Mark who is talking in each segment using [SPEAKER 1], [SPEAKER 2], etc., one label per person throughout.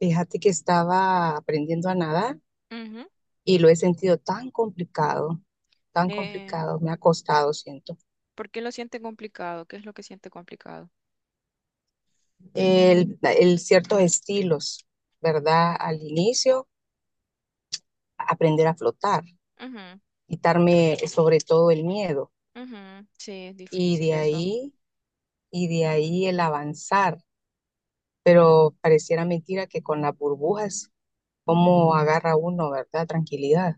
[SPEAKER 1] Fíjate que estaba aprendiendo a nadar
[SPEAKER 2] Ujú.
[SPEAKER 1] y lo he sentido tan
[SPEAKER 2] Eh,
[SPEAKER 1] complicado, me ha costado, siento.
[SPEAKER 2] ¿Por qué lo siente complicado? ¿Qué es lo que siente complicado?
[SPEAKER 1] El ciertos estilos, ¿verdad? Al inicio, aprender a flotar, quitarme sobre todo el miedo
[SPEAKER 2] Ujú, ujú. Sí, es
[SPEAKER 1] y
[SPEAKER 2] difícil
[SPEAKER 1] de
[SPEAKER 2] eso.
[SPEAKER 1] ahí, y de ahí el avanzar. Pero pareciera mentira que con las burbujas, cómo agarra uno, ¿verdad? Tranquilidad,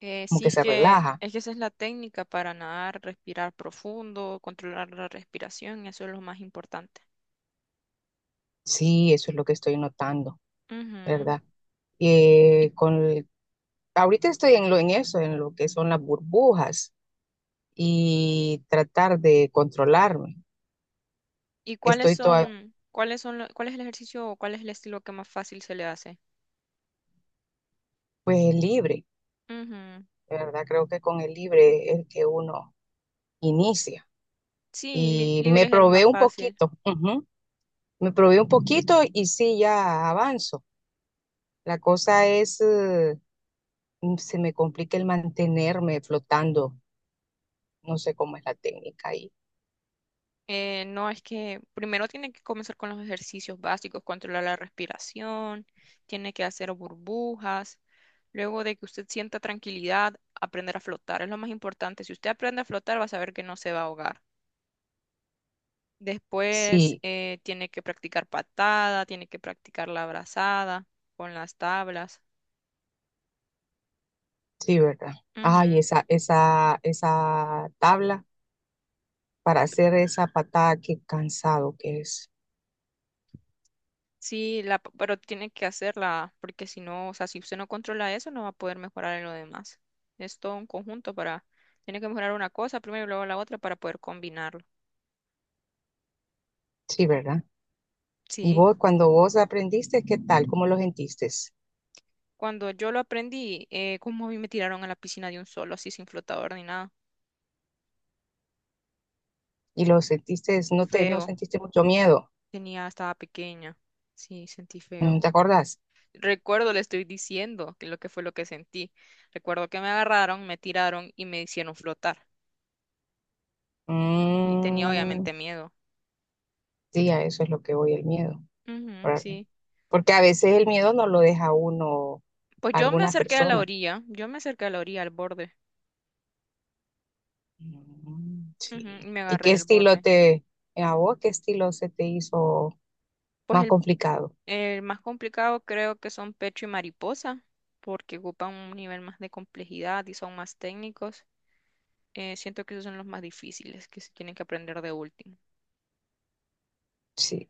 [SPEAKER 1] como
[SPEAKER 2] Sí,
[SPEAKER 1] que
[SPEAKER 2] es
[SPEAKER 1] se
[SPEAKER 2] que,
[SPEAKER 1] relaja.
[SPEAKER 2] es que esa es la técnica para nadar, respirar profundo, controlar la respiración, eso es lo más importante.
[SPEAKER 1] Sí, eso es lo que estoy notando,
[SPEAKER 2] Ujú.
[SPEAKER 1] ¿verdad?
[SPEAKER 2] ¿Y,
[SPEAKER 1] eh, con, ahorita estoy en en eso, en lo que son las burbujas y tratar de controlarme. Estoy toda,
[SPEAKER 2] cuál es el ejercicio o cuál es el estilo que más fácil se le hace?
[SPEAKER 1] pues libre,
[SPEAKER 2] Ujú.
[SPEAKER 1] ¿verdad? Creo que con el libre es que uno inicia.
[SPEAKER 2] Sí,
[SPEAKER 1] Y
[SPEAKER 2] libre
[SPEAKER 1] me
[SPEAKER 2] es el
[SPEAKER 1] probé
[SPEAKER 2] más
[SPEAKER 1] un
[SPEAKER 2] fácil.
[SPEAKER 1] poquito, ujú. Me probé un poquito y sí, ya avanzo. La cosa es, se me complica el mantenerme flotando. No sé cómo es la técnica ahí.
[SPEAKER 2] No, es que primero tiene que comenzar con los ejercicios básicos, controlar la respiración, tiene que hacer burbujas. Luego de que usted sienta tranquilidad, aprender a flotar es lo más importante. Si usted aprende a flotar, va a saber que no se va a ahogar. Después
[SPEAKER 1] Sí,
[SPEAKER 2] tiene que practicar patada, tiene que practicar la abrazada con las tablas.
[SPEAKER 1] sí, ¿verdad? Ay,
[SPEAKER 2] Ujú.
[SPEAKER 1] esa tabla, para hacer esa patada, qué cansado que es.
[SPEAKER 2] Sí, pero tiene que hacerla, porque si no, o sea, si usted no controla eso, no va a poder mejorar en lo demás. Es todo un conjunto para, tiene que mejorar una cosa primero y luego la otra para poder combinarlo.
[SPEAKER 1] Sí, ¿verdad? Y
[SPEAKER 2] Sí,
[SPEAKER 1] vos, cuando vos aprendiste, ¿qué tal? ¿Cómo lo sentiste?
[SPEAKER 2] cuando yo lo aprendí, como a mí me tiraron a la piscina de un solo, así sin flotador ni nada.
[SPEAKER 1] Y lo sentiste,
[SPEAKER 2] Feo,
[SPEAKER 1] no sentiste mucho miedo.
[SPEAKER 2] tenía, estaba pequeña. Sí, sentí
[SPEAKER 1] Mm,
[SPEAKER 2] feo.
[SPEAKER 1] ¿te acordás?
[SPEAKER 2] Recuerdo, le estoy diciendo que lo que fue lo que sentí. Recuerdo que me agarraron, me tiraron y me hicieron flotar. Y tenía
[SPEAKER 1] Mm,
[SPEAKER 2] obviamente miedo.
[SPEAKER 1] sí, a eso es lo que voy, el miedo,
[SPEAKER 2] Ujú,
[SPEAKER 1] ¿verdad?
[SPEAKER 2] sí.
[SPEAKER 1] Porque a veces el miedo no lo deja uno
[SPEAKER 2] Pues
[SPEAKER 1] a
[SPEAKER 2] yo me
[SPEAKER 1] algunas
[SPEAKER 2] acerqué a la
[SPEAKER 1] personas.
[SPEAKER 2] orilla, yo me acerqué a la orilla, al borde,
[SPEAKER 1] Mm,
[SPEAKER 2] ujú,
[SPEAKER 1] sí.
[SPEAKER 2] y me
[SPEAKER 1] ¿Y
[SPEAKER 2] agarré
[SPEAKER 1] qué
[SPEAKER 2] del
[SPEAKER 1] estilo
[SPEAKER 2] borde.
[SPEAKER 1] te, a vos, qué estilo se te hizo
[SPEAKER 2] Pues
[SPEAKER 1] más complicado?
[SPEAKER 2] el más complicado creo que son pecho y mariposa, porque ocupan un nivel más de complejidad y son más técnicos. Siento que esos son los más difíciles, que se tienen que aprender de último.
[SPEAKER 1] Sí.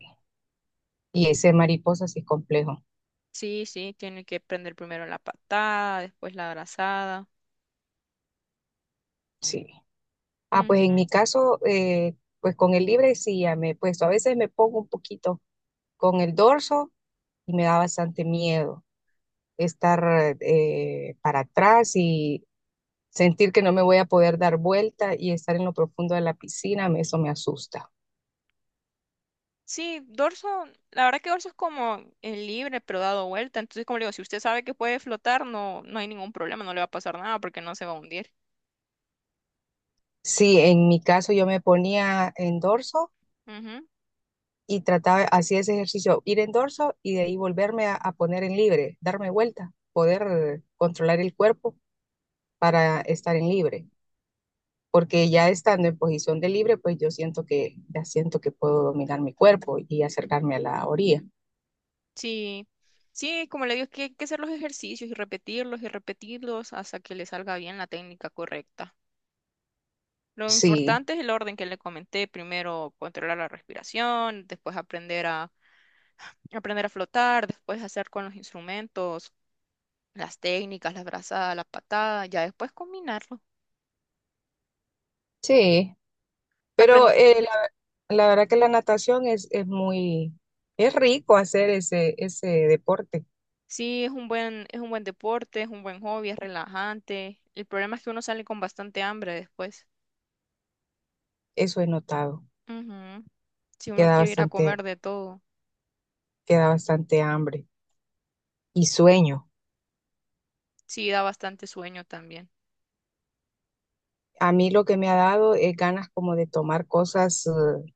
[SPEAKER 1] Y ese mariposa sí es complejo.
[SPEAKER 2] Sí, sí, tienen que aprender primero la patada, después la abrazada.
[SPEAKER 1] Sí. Ah, pues
[SPEAKER 2] Ujú.
[SPEAKER 1] en mi caso, pues con el libre sí ya me he puesto. A veces me pongo un poquito con el dorso y me da bastante miedo estar para atrás y sentir que no me voy a poder dar vuelta y estar en lo profundo de la piscina, eso me asusta.
[SPEAKER 2] Sí, dorso, la verdad que dorso es como el libre, pero dado vuelta. Entonces, como le digo, si usted sabe que puede flotar, no, no hay ningún problema, no le va a pasar nada porque no se va a hundir.
[SPEAKER 1] Sí, en mi caso yo me ponía en dorso
[SPEAKER 2] Ujú,
[SPEAKER 1] y trataba, hacía ese ejercicio, ir en dorso y de ahí volverme a poner en libre, darme vuelta, poder controlar el cuerpo para estar en libre, porque ya estando en posición de libre, pues yo siento que ya siento que puedo dominar mi cuerpo y acercarme a la orilla.
[SPEAKER 2] sí, sí, como le digo, es que hay que hacer los ejercicios y repetirlos hasta que le salga bien la técnica correcta. Lo
[SPEAKER 1] Sí,
[SPEAKER 2] importante es el orden que le comenté, primero controlar la respiración, después aprender a aprender a flotar, después hacer con los instrumentos, las técnicas, las brazadas, la patada, ya después combinarlo.
[SPEAKER 1] sí, pero
[SPEAKER 2] Apren-
[SPEAKER 1] la verdad que la natación es muy, es rico hacer ese deporte.
[SPEAKER 2] sí, es un buen deporte, es un buen hobby, es relajante. El problema es que uno sale con bastante hambre después.
[SPEAKER 1] Eso he notado,
[SPEAKER 2] Ujú, si uno
[SPEAKER 1] queda
[SPEAKER 2] quiere ir a
[SPEAKER 1] bastante,
[SPEAKER 2] comer de todo.
[SPEAKER 1] queda bastante hambre y sueño.
[SPEAKER 2] Sí, da bastante sueño también.
[SPEAKER 1] A mí lo que me ha dado es ganas como de tomar cosas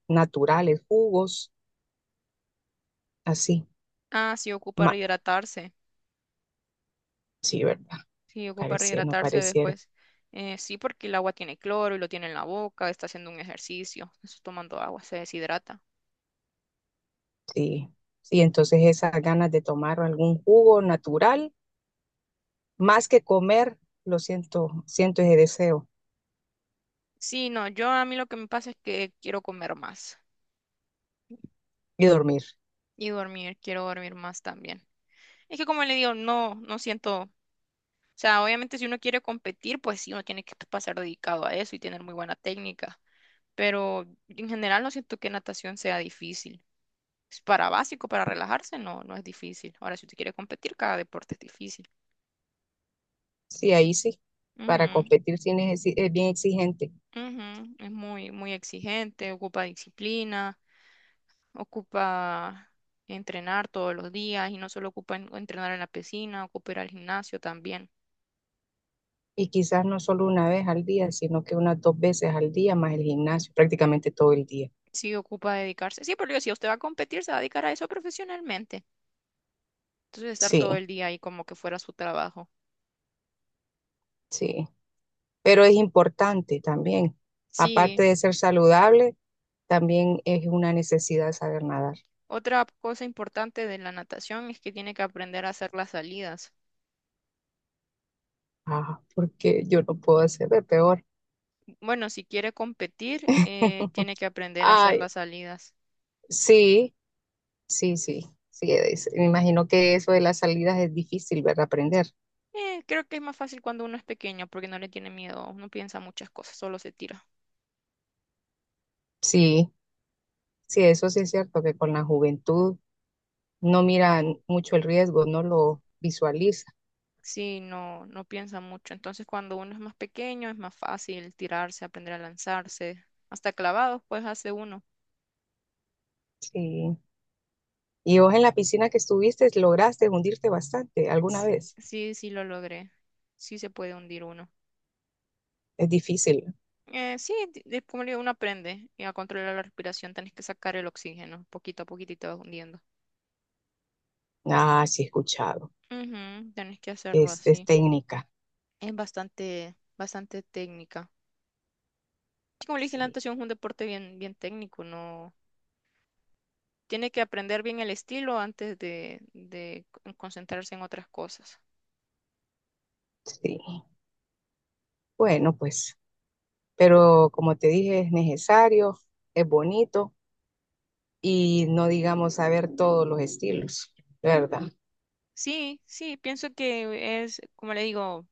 [SPEAKER 1] naturales, jugos, así.
[SPEAKER 2] Ah, sí, ocupa
[SPEAKER 1] Ma-
[SPEAKER 2] rehidratarse.
[SPEAKER 1] sí, ¿verdad?
[SPEAKER 2] Sí, ocupa
[SPEAKER 1] Pareciera, no
[SPEAKER 2] rehidratarse
[SPEAKER 1] pareciera.
[SPEAKER 2] después. Sí, porque el agua tiene cloro y lo tiene en la boca, está haciendo un ejercicio, está tomando agua, se deshidrata.
[SPEAKER 1] Sí, sí, entonces esas ganas de tomar algún jugo natural, más que comer, lo siento, siento ese deseo.
[SPEAKER 2] Sí, no, yo a mí lo que me pasa es que quiero comer más
[SPEAKER 1] Y dormir.
[SPEAKER 2] y dormir, quiero dormir más también. Es que como le digo, no, no siento, o sea, obviamente si uno quiere competir, pues sí, uno tiene que pasar dedicado a eso y tener muy buena técnica, pero en general no siento que natación sea difícil. Es para básico, para relajarse, no, no es difícil. Ahora, si usted quiere competir, cada deporte es difícil.
[SPEAKER 1] Sí, ahí sí. Para
[SPEAKER 2] Ujú,
[SPEAKER 1] competir es bien exigente.
[SPEAKER 2] ujú, es muy, muy exigente, ocupa disciplina, ocupa entrenar todos los días y no solo ocupa entrenar en la piscina, ocupa ir al gimnasio también.
[SPEAKER 1] Y quizás no solo una vez al día, sino que unas dos veces al día, más el gimnasio, prácticamente todo el día.
[SPEAKER 2] Sí, ocupa dedicarse. Sí, pero si usted va a competir, se va a dedicar a eso profesionalmente. Entonces, estar todo
[SPEAKER 1] Sí,
[SPEAKER 2] el día ahí como que fuera su trabajo.
[SPEAKER 1] sí, pero es importante también. Aparte
[SPEAKER 2] Sí,
[SPEAKER 1] de ser saludable, también es una necesidad saber nadar.
[SPEAKER 2] otra cosa importante de la natación es que tiene que aprender a hacer las salidas.
[SPEAKER 1] Ah, porque yo no puedo hacer de peor.
[SPEAKER 2] Bueno, si quiere competir, tiene que aprender a hacer
[SPEAKER 1] Ay,
[SPEAKER 2] las salidas.
[SPEAKER 1] sí, sí, sí, sí. Me imagino que eso de las salidas es difícil, ¿verdad? Aprender.
[SPEAKER 2] Creo que es más fácil cuando uno es pequeño porque no le tiene miedo, no piensa muchas cosas, solo se tira.
[SPEAKER 1] Sí, sí, eso sí es cierto, que con la juventud no miran mucho el riesgo, no lo visualiza.
[SPEAKER 2] Sí, no, no piensa mucho. Entonces, cuando uno es más pequeño, es más fácil tirarse, aprender a lanzarse. Hasta clavados, pues hace uno.
[SPEAKER 1] Sí. Y vos en la piscina que estuviste, lograste hundirte bastante alguna
[SPEAKER 2] Sí,
[SPEAKER 1] vez.
[SPEAKER 2] sí, sí lo logré. Sí se puede hundir uno.
[SPEAKER 1] Es difícil.
[SPEAKER 2] Sí, como le digo, uno aprende y a controlar la respiración tenés que sacar el oxígeno poquito a poquito y te vas hundiendo.
[SPEAKER 1] Ah, sí, he escuchado.
[SPEAKER 2] Ujú, tenés que hacerlo
[SPEAKER 1] Es
[SPEAKER 2] así.
[SPEAKER 1] técnica.
[SPEAKER 2] Es bastante, bastante técnica. Sí, como le dije, la
[SPEAKER 1] Sí,
[SPEAKER 2] natación es un deporte bien, bien técnico, no tiene que aprender bien el estilo antes de, concentrarse en otras cosas.
[SPEAKER 1] sí. Bueno, pues, pero como te dije, es necesario, es bonito y no digamos saber todos los estilos, ¿verdad?
[SPEAKER 2] Sí, sí, pienso que es, como le digo,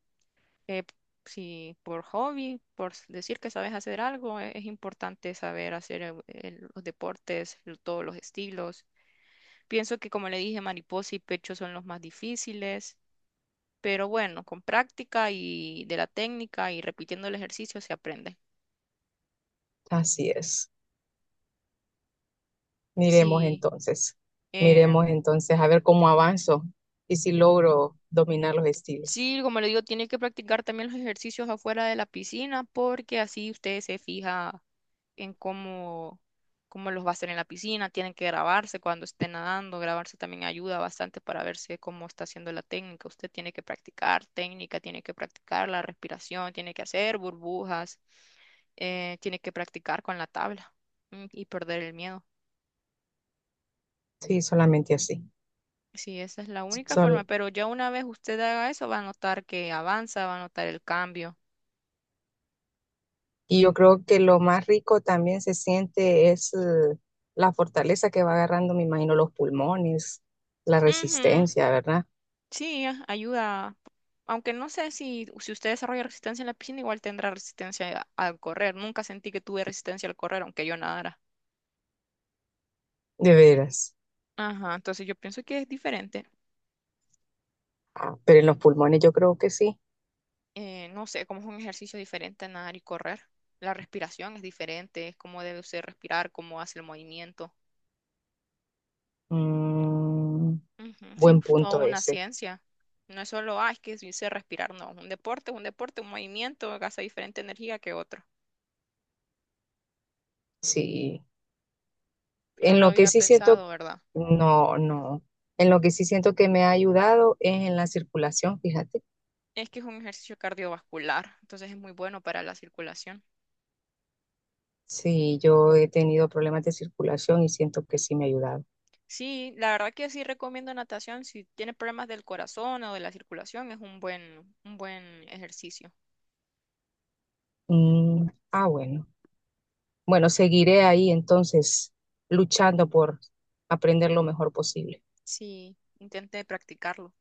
[SPEAKER 2] eh, si por hobby, decir que sabes hacer algo, es, importante saber hacer los deportes, todos los estilos. Pienso que, como le dije, mariposa y pecho son los más difíciles. Pero bueno, con práctica y de la técnica y repitiendo el ejercicio se aprende.
[SPEAKER 1] Así es. Miremos
[SPEAKER 2] Sí,
[SPEAKER 1] entonces,
[SPEAKER 2] eh,
[SPEAKER 1] miremos entonces a ver cómo avanzo y si logro dominar los estilos.
[SPEAKER 2] sí, como le digo, tiene que practicar también los ejercicios afuera de la piscina porque así usted se fija en cómo, cómo los va a hacer en la piscina. Tienen que grabarse cuando esté nadando. Grabarse también ayuda bastante para verse cómo está haciendo la técnica. Usted tiene que practicar técnica, tiene que practicar la respiración, tiene que hacer burbujas, tiene que practicar con la tabla y perder el miedo.
[SPEAKER 1] Sí, solamente así.
[SPEAKER 2] Sí, esa es la única forma,
[SPEAKER 1] Sol-
[SPEAKER 2] pero ya una vez usted haga eso, va a notar que avanza, va a notar el cambio.
[SPEAKER 1] y yo creo que lo más rico también se siente es la fortaleza que va agarrando, me imagino, los pulmones, la
[SPEAKER 2] Ujú,
[SPEAKER 1] resistencia, ¿verdad?
[SPEAKER 2] sí, ayuda. Aunque no sé si, si usted desarrolla resistencia en la piscina, igual tendrá resistencia al correr. Nunca sentí que tuve resistencia al correr, aunque yo nadara.
[SPEAKER 1] De veras.
[SPEAKER 2] Ajá, entonces yo pienso que es diferente.
[SPEAKER 1] Ah, pero en los pulmones yo creo que sí.
[SPEAKER 2] No sé, como es un ejercicio diferente a nadar y correr. La respiración es diferente, es cómo debe usted respirar, cómo hace el movimiento.
[SPEAKER 1] Mm,
[SPEAKER 2] Ujú, sí,
[SPEAKER 1] buen
[SPEAKER 2] es toda
[SPEAKER 1] punto
[SPEAKER 2] una
[SPEAKER 1] ese.
[SPEAKER 2] ciencia. No es solo, ah, es que sí sé respirar, no. Un deporte, es un deporte, un movimiento gasta diferente energía que otro.
[SPEAKER 1] Sí.
[SPEAKER 2] No
[SPEAKER 1] En
[SPEAKER 2] lo
[SPEAKER 1] lo que
[SPEAKER 2] había
[SPEAKER 1] sí siento,
[SPEAKER 2] pensado, ¿verdad?
[SPEAKER 1] no, no. En lo que sí siento que me ha ayudado es en la circulación, fíjate.
[SPEAKER 2] Es que es un ejercicio cardiovascular, entonces es muy bueno para la circulación.
[SPEAKER 1] Sí, yo he tenido problemas de circulación y siento que sí me ha ayudado.
[SPEAKER 2] Sí, la verdad que sí recomiendo natación. Si tiene problemas del corazón o de la circulación, es un buen ejercicio.
[SPEAKER 1] Mm, ah, bueno. Bueno, seguiré ahí entonces luchando por aprender lo mejor posible.
[SPEAKER 2] Sí, intenté practicarlo.